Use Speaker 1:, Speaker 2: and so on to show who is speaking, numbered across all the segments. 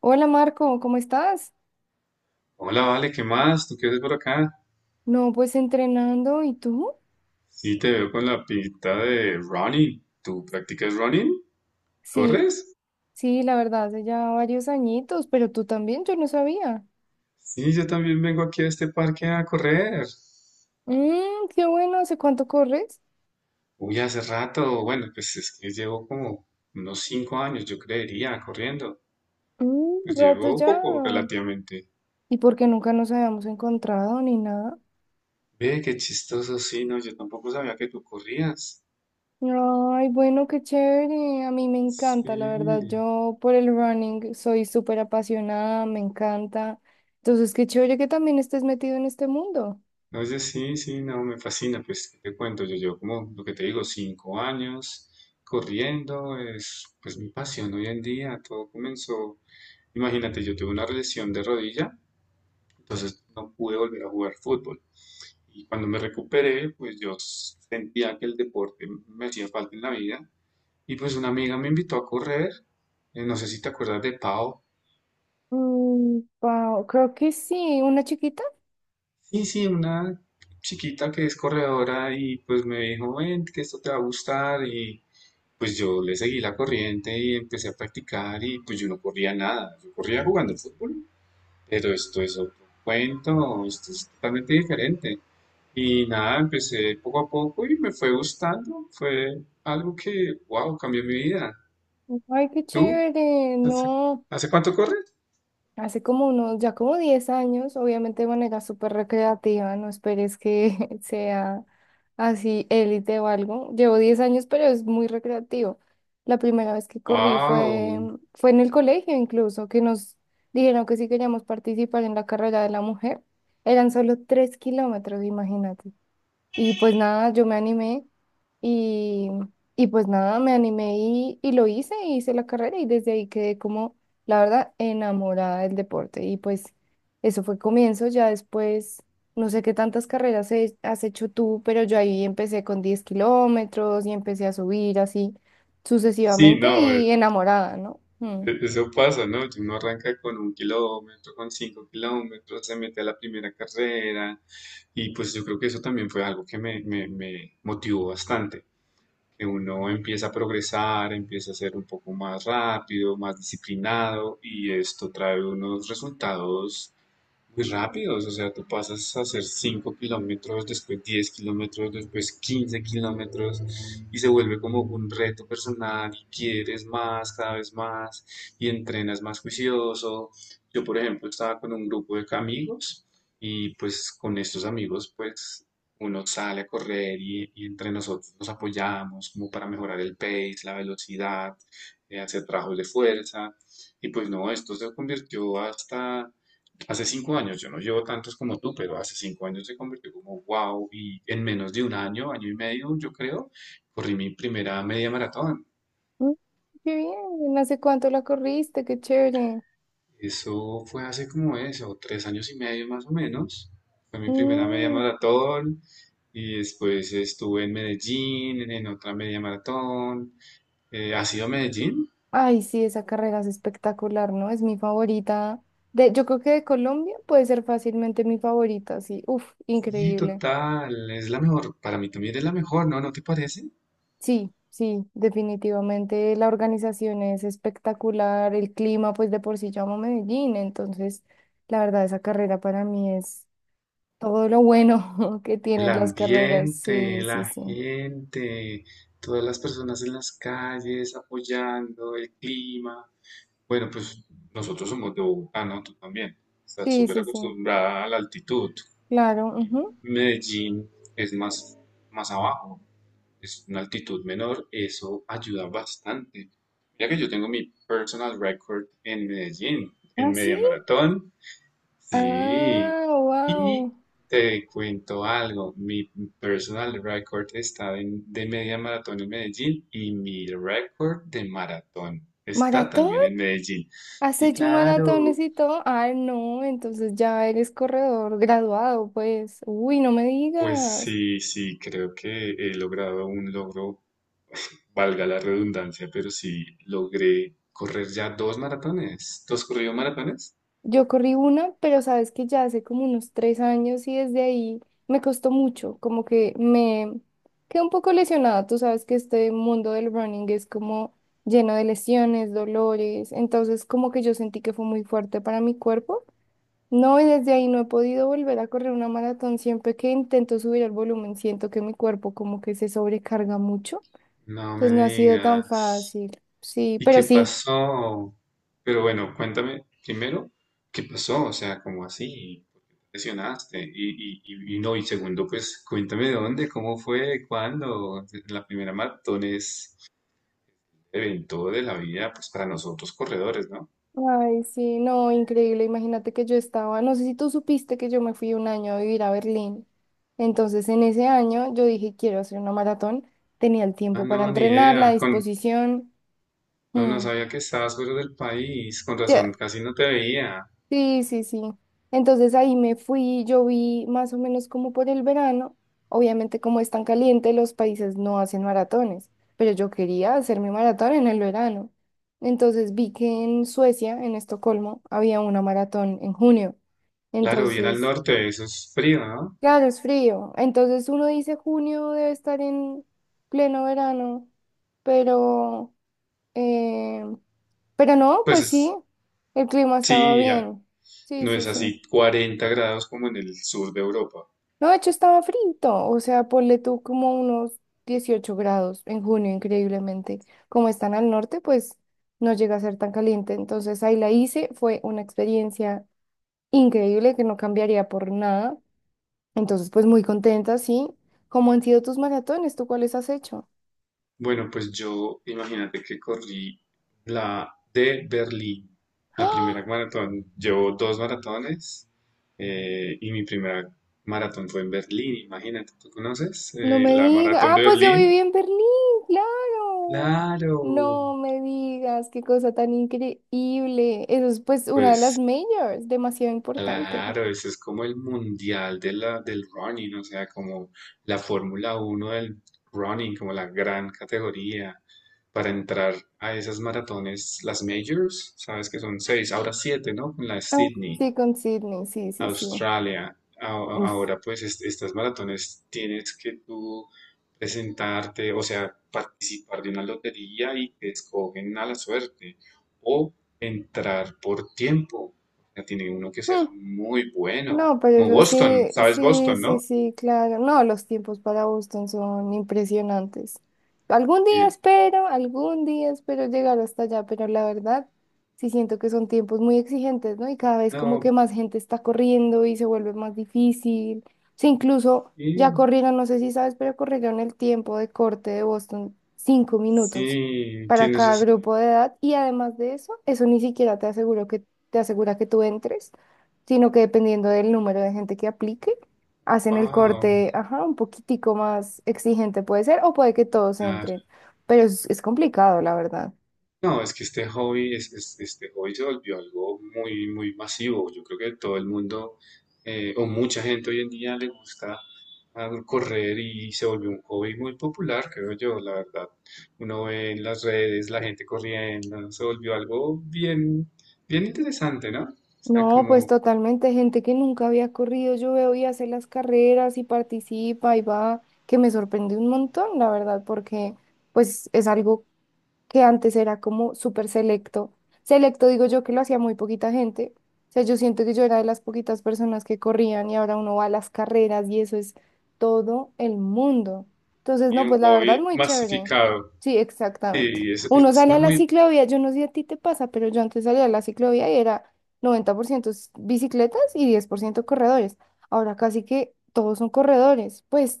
Speaker 1: Hola Marco, ¿cómo estás?
Speaker 2: Hola, Vale, ¿qué más? ¿Tú qué haces por acá?
Speaker 1: No, pues entrenando, ¿y tú?
Speaker 2: Sí, te veo con la pinta de running. ¿Tú practicas running?
Speaker 1: Sí,
Speaker 2: ¿Corres?
Speaker 1: sí, la verdad, hace ya varios añitos, pero tú también, yo no sabía.
Speaker 2: Sí, yo también vengo aquí a este parque a correr.
Speaker 1: Qué bueno, ¿hace cuánto corres?
Speaker 2: Uy, hace rato, bueno, pues es que llevo como unos 5 años, yo creería, corriendo. Pues
Speaker 1: Rato
Speaker 2: llevo
Speaker 1: ya.
Speaker 2: poco relativamente.
Speaker 1: ¿Y por qué nunca nos habíamos encontrado ni nada?
Speaker 2: Ve, qué chistoso, sí, no, yo tampoco sabía que tú corrías.
Speaker 1: Ay, bueno, qué chévere, a mí me encanta, la verdad,
Speaker 2: Sí.
Speaker 1: yo por el running soy súper apasionada, me encanta. Entonces, qué chévere que también estés metido en este mundo.
Speaker 2: No, yo sí, sí, no, me fascina, pues, ¿qué te cuento? Yo llevo como, lo que te digo, 5 años corriendo, es pues mi pasión hoy en día. Todo comenzó, imagínate, yo tuve una lesión de rodilla, entonces no pude volver a jugar fútbol. Y cuando me recuperé, pues yo sentía que el deporte me hacía falta en la vida. Y pues una amiga me invitó a correr, no sé si te acuerdas de Pau.
Speaker 1: Wow, creo que sí, una chiquita.
Speaker 2: Sí, sí, una chiquita que es corredora y pues me dijo, ven, que esto te va a gustar. Y... Pues yo le seguí la corriente y empecé a practicar, y pues yo no corría nada, yo corría jugando fútbol, pero esto es otro cuento, esto es totalmente diferente. Y nada, empecé poco a poco y me fue gustando, fue algo que, wow, cambió mi vida.
Speaker 1: Ay, qué
Speaker 2: ¿Tú?
Speaker 1: chévere,
Speaker 2: ¿Hace,
Speaker 1: no.
Speaker 2: hace cuánto corres?
Speaker 1: Hace como unos, ya como 10 años, obviamente de manera súper recreativa, no esperes que sea así élite o algo. Llevo 10 años, pero es muy recreativo. La primera vez que corrí fue,
Speaker 2: Wow.
Speaker 1: fue en el colegio incluso, que nos dijeron que si queríamos participar en la carrera de la mujer, eran solo 3 kilómetros, imagínate. Y pues nada, yo me animé y, y pues nada, me animé y lo hice, hice la carrera y desde ahí quedé como, la verdad, enamorada del deporte. Y pues eso fue comienzo, ya después, no sé qué tantas carreras has hecho tú, pero yo ahí empecé con 10 kilómetros y empecé a subir así
Speaker 2: Sí,
Speaker 1: sucesivamente
Speaker 2: no,
Speaker 1: y enamorada, ¿no? Mm.
Speaker 2: Eso pasa, ¿no? Uno arranca con un kilómetro, con 5 kilómetros, se mete a la primera carrera, y pues yo creo que eso también fue algo que me motivó bastante, que uno empieza a progresar, empieza a ser un poco más rápido, más disciplinado, y esto trae unos resultados muy rápidos. O sea, tú pasas a hacer 5 kilómetros, después 10 kilómetros, después 15 kilómetros, y se vuelve como un reto personal y quieres más, cada vez más, y entrenas más juicioso. Yo, por ejemplo, estaba con un grupo de amigos, y pues con estos amigos pues uno sale a correr y entre nosotros nos apoyamos como para mejorar el pace, la velocidad, hacer trabajos de fuerza. Y pues no, esto se convirtió hasta. Hace 5 años, yo no llevo tantos como tú, pero hace 5 años se convirtió como wow, y en menos de un año, año y medio, yo creo, corrí mi primera media maratón.
Speaker 1: Mm, Qué bien, ¿hace cuánto la corriste? Qué chévere.
Speaker 2: Eso fue hace como eso, 3 años y medio más o menos. Fue mi primera media
Speaker 1: Mm.
Speaker 2: maratón, y después estuve en Medellín, en otra media maratón. ¿Has ido a Medellín?
Speaker 1: Ay, sí, esa carrera es espectacular, ¿no? Es mi favorita. De, yo creo que de Colombia puede ser fácilmente mi favorita, sí. Uf,
Speaker 2: Sí,
Speaker 1: increíble.
Speaker 2: total, es la mejor, para mí también es la mejor, ¿no? ¿No te parece?
Speaker 1: Sí, sí, definitivamente la organización es espectacular, el clima, pues de por sí llamo Medellín, entonces la verdad esa carrera para mí es todo lo bueno que
Speaker 2: El
Speaker 1: tienen las carreras.
Speaker 2: ambiente,
Speaker 1: Sí, sí,
Speaker 2: la
Speaker 1: sí.
Speaker 2: gente, todas las personas en las calles apoyando, el clima. Bueno, pues nosotros somos de Bogotá, ¿no? Tú también. Estás
Speaker 1: Sí,
Speaker 2: súper
Speaker 1: sí, sí.
Speaker 2: acostumbrada a la altitud.
Speaker 1: Claro. Ujú.
Speaker 2: Medellín es más abajo, es una altitud menor, eso ayuda bastante. Mira que yo tengo mi personal record en Medellín,
Speaker 1: Ah,
Speaker 2: en
Speaker 1: sí.
Speaker 2: media maratón. Sí,
Speaker 1: Ah,
Speaker 2: y
Speaker 1: wow.
Speaker 2: te cuento algo, mi personal record está de media maratón en Medellín, y mi record de maratón está
Speaker 1: ¿Maratón?
Speaker 2: también en Medellín.
Speaker 1: ¿Has
Speaker 2: Sí,
Speaker 1: hecho maratones
Speaker 2: claro.
Speaker 1: y todo? Ah, no, entonces ya eres corredor graduado, pues. Uy, no me
Speaker 2: Pues
Speaker 1: digas.
Speaker 2: sí, sí, creo que he logrado un logro, valga la redundancia, pero sí logré correr ya dos maratones, dos corridos maratones.
Speaker 1: Yo corrí una, pero sabes que ya hace como unos 3 años y desde ahí me costó mucho, como que me quedé un poco lesionada. Tú sabes que este mundo del running es como lleno de lesiones, dolores, entonces como que yo sentí que fue muy fuerte para mi cuerpo. No, y desde ahí no he podido volver a correr una maratón. Siempre que intento subir el volumen, siento que mi cuerpo como que se sobrecarga mucho.
Speaker 2: No me
Speaker 1: Entonces no ha sido tan
Speaker 2: digas.
Speaker 1: fácil. Sí,
Speaker 2: ¿Y
Speaker 1: pero
Speaker 2: qué
Speaker 1: sí.
Speaker 2: pasó? Pero bueno, cuéntame primero, ¿qué pasó? O sea, ¿cómo así? ¿Por qué te lesionaste? Y no, y segundo, pues cuéntame dónde, cómo fue, cuándo. La primera maratón es evento de la vida, pues para nosotros corredores, ¿no?
Speaker 1: Ay, sí, no, increíble. Imagínate que yo estaba, no sé si tú supiste que yo me fui un año a vivir a Berlín. Entonces en ese año yo dije, quiero hacer una maratón. Tenía el
Speaker 2: Ah,
Speaker 1: tiempo para
Speaker 2: no, ni
Speaker 1: entrenar, la
Speaker 2: idea.
Speaker 1: disposición.
Speaker 2: No, no
Speaker 1: Mm.
Speaker 2: sabía que estabas fuera del país. Con razón,
Speaker 1: Ya,
Speaker 2: casi no te veía.
Speaker 1: sí, sí, sí. Entonces ahí me fui, yo vi más o menos como por el verano. Obviamente como es tan caliente, los países no hacen maratones, pero yo quería hacer mi maratón en el verano. Entonces vi que en Suecia, en Estocolmo, había una maratón en junio.
Speaker 2: Claro, bien al
Speaker 1: Entonces,
Speaker 2: norte, eso es frío, ¿no?
Speaker 1: claro, es frío. Entonces uno dice junio debe estar en pleno verano, pero, eh, pero no,
Speaker 2: Pues
Speaker 1: pues sí, el clima estaba
Speaker 2: sí, ya,
Speaker 1: bien. Sí,
Speaker 2: no es
Speaker 1: sí, sí.
Speaker 2: así 40 grados como en el sur de Europa.
Speaker 1: No, de hecho estaba frito, o sea, ponle tú como unos 18 grados en junio, increíblemente. Como están al norte, pues no llega a ser tan caliente. Entonces ahí la hice, fue una experiencia increíble que no cambiaría por nada. Entonces, pues muy contenta, sí. ¿Cómo han sido tus maratones? ¿Tú cuáles has hecho?
Speaker 2: Bueno, pues yo imagínate que corrí la de Berlín, la primera
Speaker 1: ¡Ah!
Speaker 2: maratón. Llevo dos maratones, y mi primera maratón fue en Berlín, imagínate, ¿tú conoces,
Speaker 1: No me
Speaker 2: la
Speaker 1: digas.
Speaker 2: maratón
Speaker 1: Ah,
Speaker 2: de
Speaker 1: pues yo viví
Speaker 2: Berlín?
Speaker 1: en Berlín, claro.
Speaker 2: Claro.
Speaker 1: No me digas, qué cosa tan increíble. Eso es pues una de las
Speaker 2: Pues
Speaker 1: majors, demasiado importante.
Speaker 2: claro, ese es como el mundial de la, del running, o sea, como la Fórmula Uno del running, como la gran categoría para entrar a esas maratones, las majors. Sabes que son seis, ahora siete, ¿no? Con la de
Speaker 1: Ah,
Speaker 2: Sydney.
Speaker 1: sí, con Sydney, sí, sí, sí.
Speaker 2: Australia.
Speaker 1: Uf.
Speaker 2: Ahora, pues, estas maratones tienes que tú presentarte, o sea, participar de una lotería y te escogen a la suerte, o entrar por tiempo. O sea, tiene uno que ser
Speaker 1: Hmm.
Speaker 2: muy bueno.
Speaker 1: No, pero
Speaker 2: Como
Speaker 1: eso
Speaker 2: Boston,
Speaker 1: sí,
Speaker 2: ¿sabes
Speaker 1: sí,
Speaker 2: Boston,
Speaker 1: sí,
Speaker 2: no?
Speaker 1: sí, claro. No, los tiempos para Boston son impresionantes.
Speaker 2: Y él,
Speaker 1: Algún día espero llegar hasta allá, pero la verdad sí siento que son tiempos muy exigentes, ¿no? Y cada vez como que
Speaker 2: no,
Speaker 1: más gente está corriendo y se vuelve más difícil. Sí, incluso ya
Speaker 2: sí,
Speaker 1: corrieron, no sé si sabes, pero corrieron el tiempo de corte de Boston, 5 minutos
Speaker 2: sí,
Speaker 1: para
Speaker 2: tienes
Speaker 1: cada
Speaker 2: razón.
Speaker 1: grupo de edad. Y además de eso, eso ni siquiera te asegura que tú entres sino que dependiendo del número de gente que aplique, hacen el
Speaker 2: Wow.
Speaker 1: corte, ajá, un poquitico más exigente puede ser, o puede que todos entren, pero es complicado, la verdad.
Speaker 2: No, es que este hobby, este hobby se volvió algo muy, muy masivo. Yo creo que todo el mundo, o mucha gente hoy en día le gusta, ah, correr, y se volvió un hobby muy popular, creo yo, la verdad. Uno ve en las redes la gente corriendo, se volvió algo bien, bien interesante, ¿no? O sea,
Speaker 1: No, pues
Speaker 2: como
Speaker 1: totalmente, gente que nunca había corrido, yo veo y hace las carreras y participa y va, que me sorprende un montón, la verdad, porque pues es algo que antes era como súper selecto. Selecto digo yo que lo hacía muy poquita gente. O sea, yo siento que yo era de las poquitas personas que corrían y ahora uno va a las carreras y eso es todo el mundo. Entonces,
Speaker 2: sí,
Speaker 1: no,
Speaker 2: un
Speaker 1: pues la verdad,
Speaker 2: hobby
Speaker 1: muy chévere.
Speaker 2: masificado.
Speaker 1: Sí, exactamente.
Speaker 2: Sí,
Speaker 1: Uno
Speaker 2: es
Speaker 1: sale
Speaker 2: una
Speaker 1: a la
Speaker 2: muy
Speaker 1: ciclovía, yo no sé si a ti te pasa, pero yo antes salía a la ciclovía y era 90% bicicletas y 10% corredores. Ahora casi que todos son corredores. Pues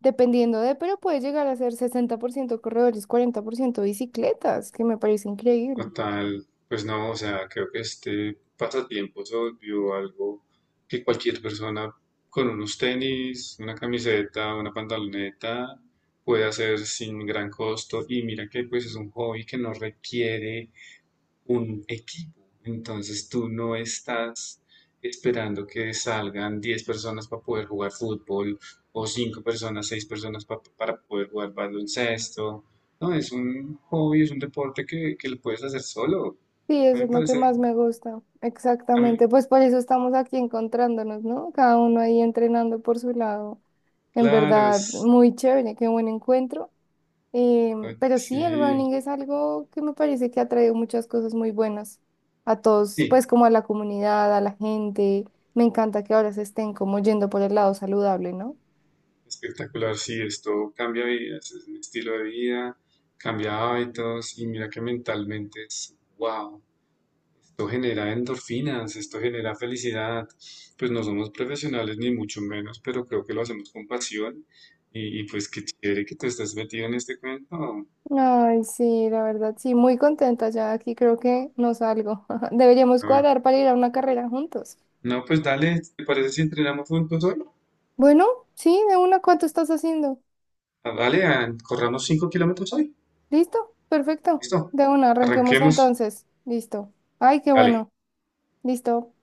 Speaker 1: dependiendo de, pero puede llegar a ser 60% corredores, 40% bicicletas, que me parece increíble.
Speaker 2: total, pues no, o sea, creo que este pasatiempo se volvió algo que cualquier persona con unos tenis, una camiseta, una pantaloneta puede hacer sin gran costo. Y mira que pues es un hobby que no requiere un equipo. Entonces tú no estás esperando que salgan 10 personas para poder jugar fútbol, o 5 personas, 6 personas para poder jugar baloncesto. No, es un hobby, es un deporte que lo puedes hacer solo.
Speaker 1: Sí,
Speaker 2: A
Speaker 1: eso
Speaker 2: mí
Speaker 1: es
Speaker 2: me
Speaker 1: lo que
Speaker 2: parece,
Speaker 1: más me gusta.
Speaker 2: a mí,
Speaker 1: Exactamente, pues por eso estamos aquí encontrándonos, ¿no? Cada uno ahí entrenando por su lado. En
Speaker 2: claro,
Speaker 1: verdad,
Speaker 2: es,
Speaker 1: muy chévere, qué buen encuentro. Pero sí, el
Speaker 2: sí,
Speaker 1: running es algo que me parece que ha traído muchas cosas muy buenas a todos,
Speaker 2: sí,
Speaker 1: pues como a la comunidad, a la gente. Me encanta que ahora se estén como yendo por el lado saludable, ¿no?
Speaker 2: espectacular, sí, esto cambia vidas, es un estilo de vida, cambia hábitos, y mira que mentalmente es wow. Esto genera endorfinas, esto genera felicidad. Pues no somos profesionales ni mucho menos, pero creo que lo hacemos con pasión. Y pues qué chévere que tú estás metido en este cuento.
Speaker 1: Ay, sí, la verdad, sí, muy contenta ya aquí, creo que no salgo. Deberíamos
Speaker 2: Ah,
Speaker 1: cuadrar para ir a una carrera juntos.
Speaker 2: no, pues dale, ¿te parece si entrenamos juntos hoy?
Speaker 1: Bueno, sí, de una, ¿cuánto estás haciendo?
Speaker 2: Ah, ah, corramos 5 kilómetros hoy.
Speaker 1: ¿Listo? Perfecto.
Speaker 2: Listo,
Speaker 1: De una, arranquemos
Speaker 2: arranquemos.
Speaker 1: entonces. Listo. Ay, qué
Speaker 2: Dale.
Speaker 1: bueno. Listo.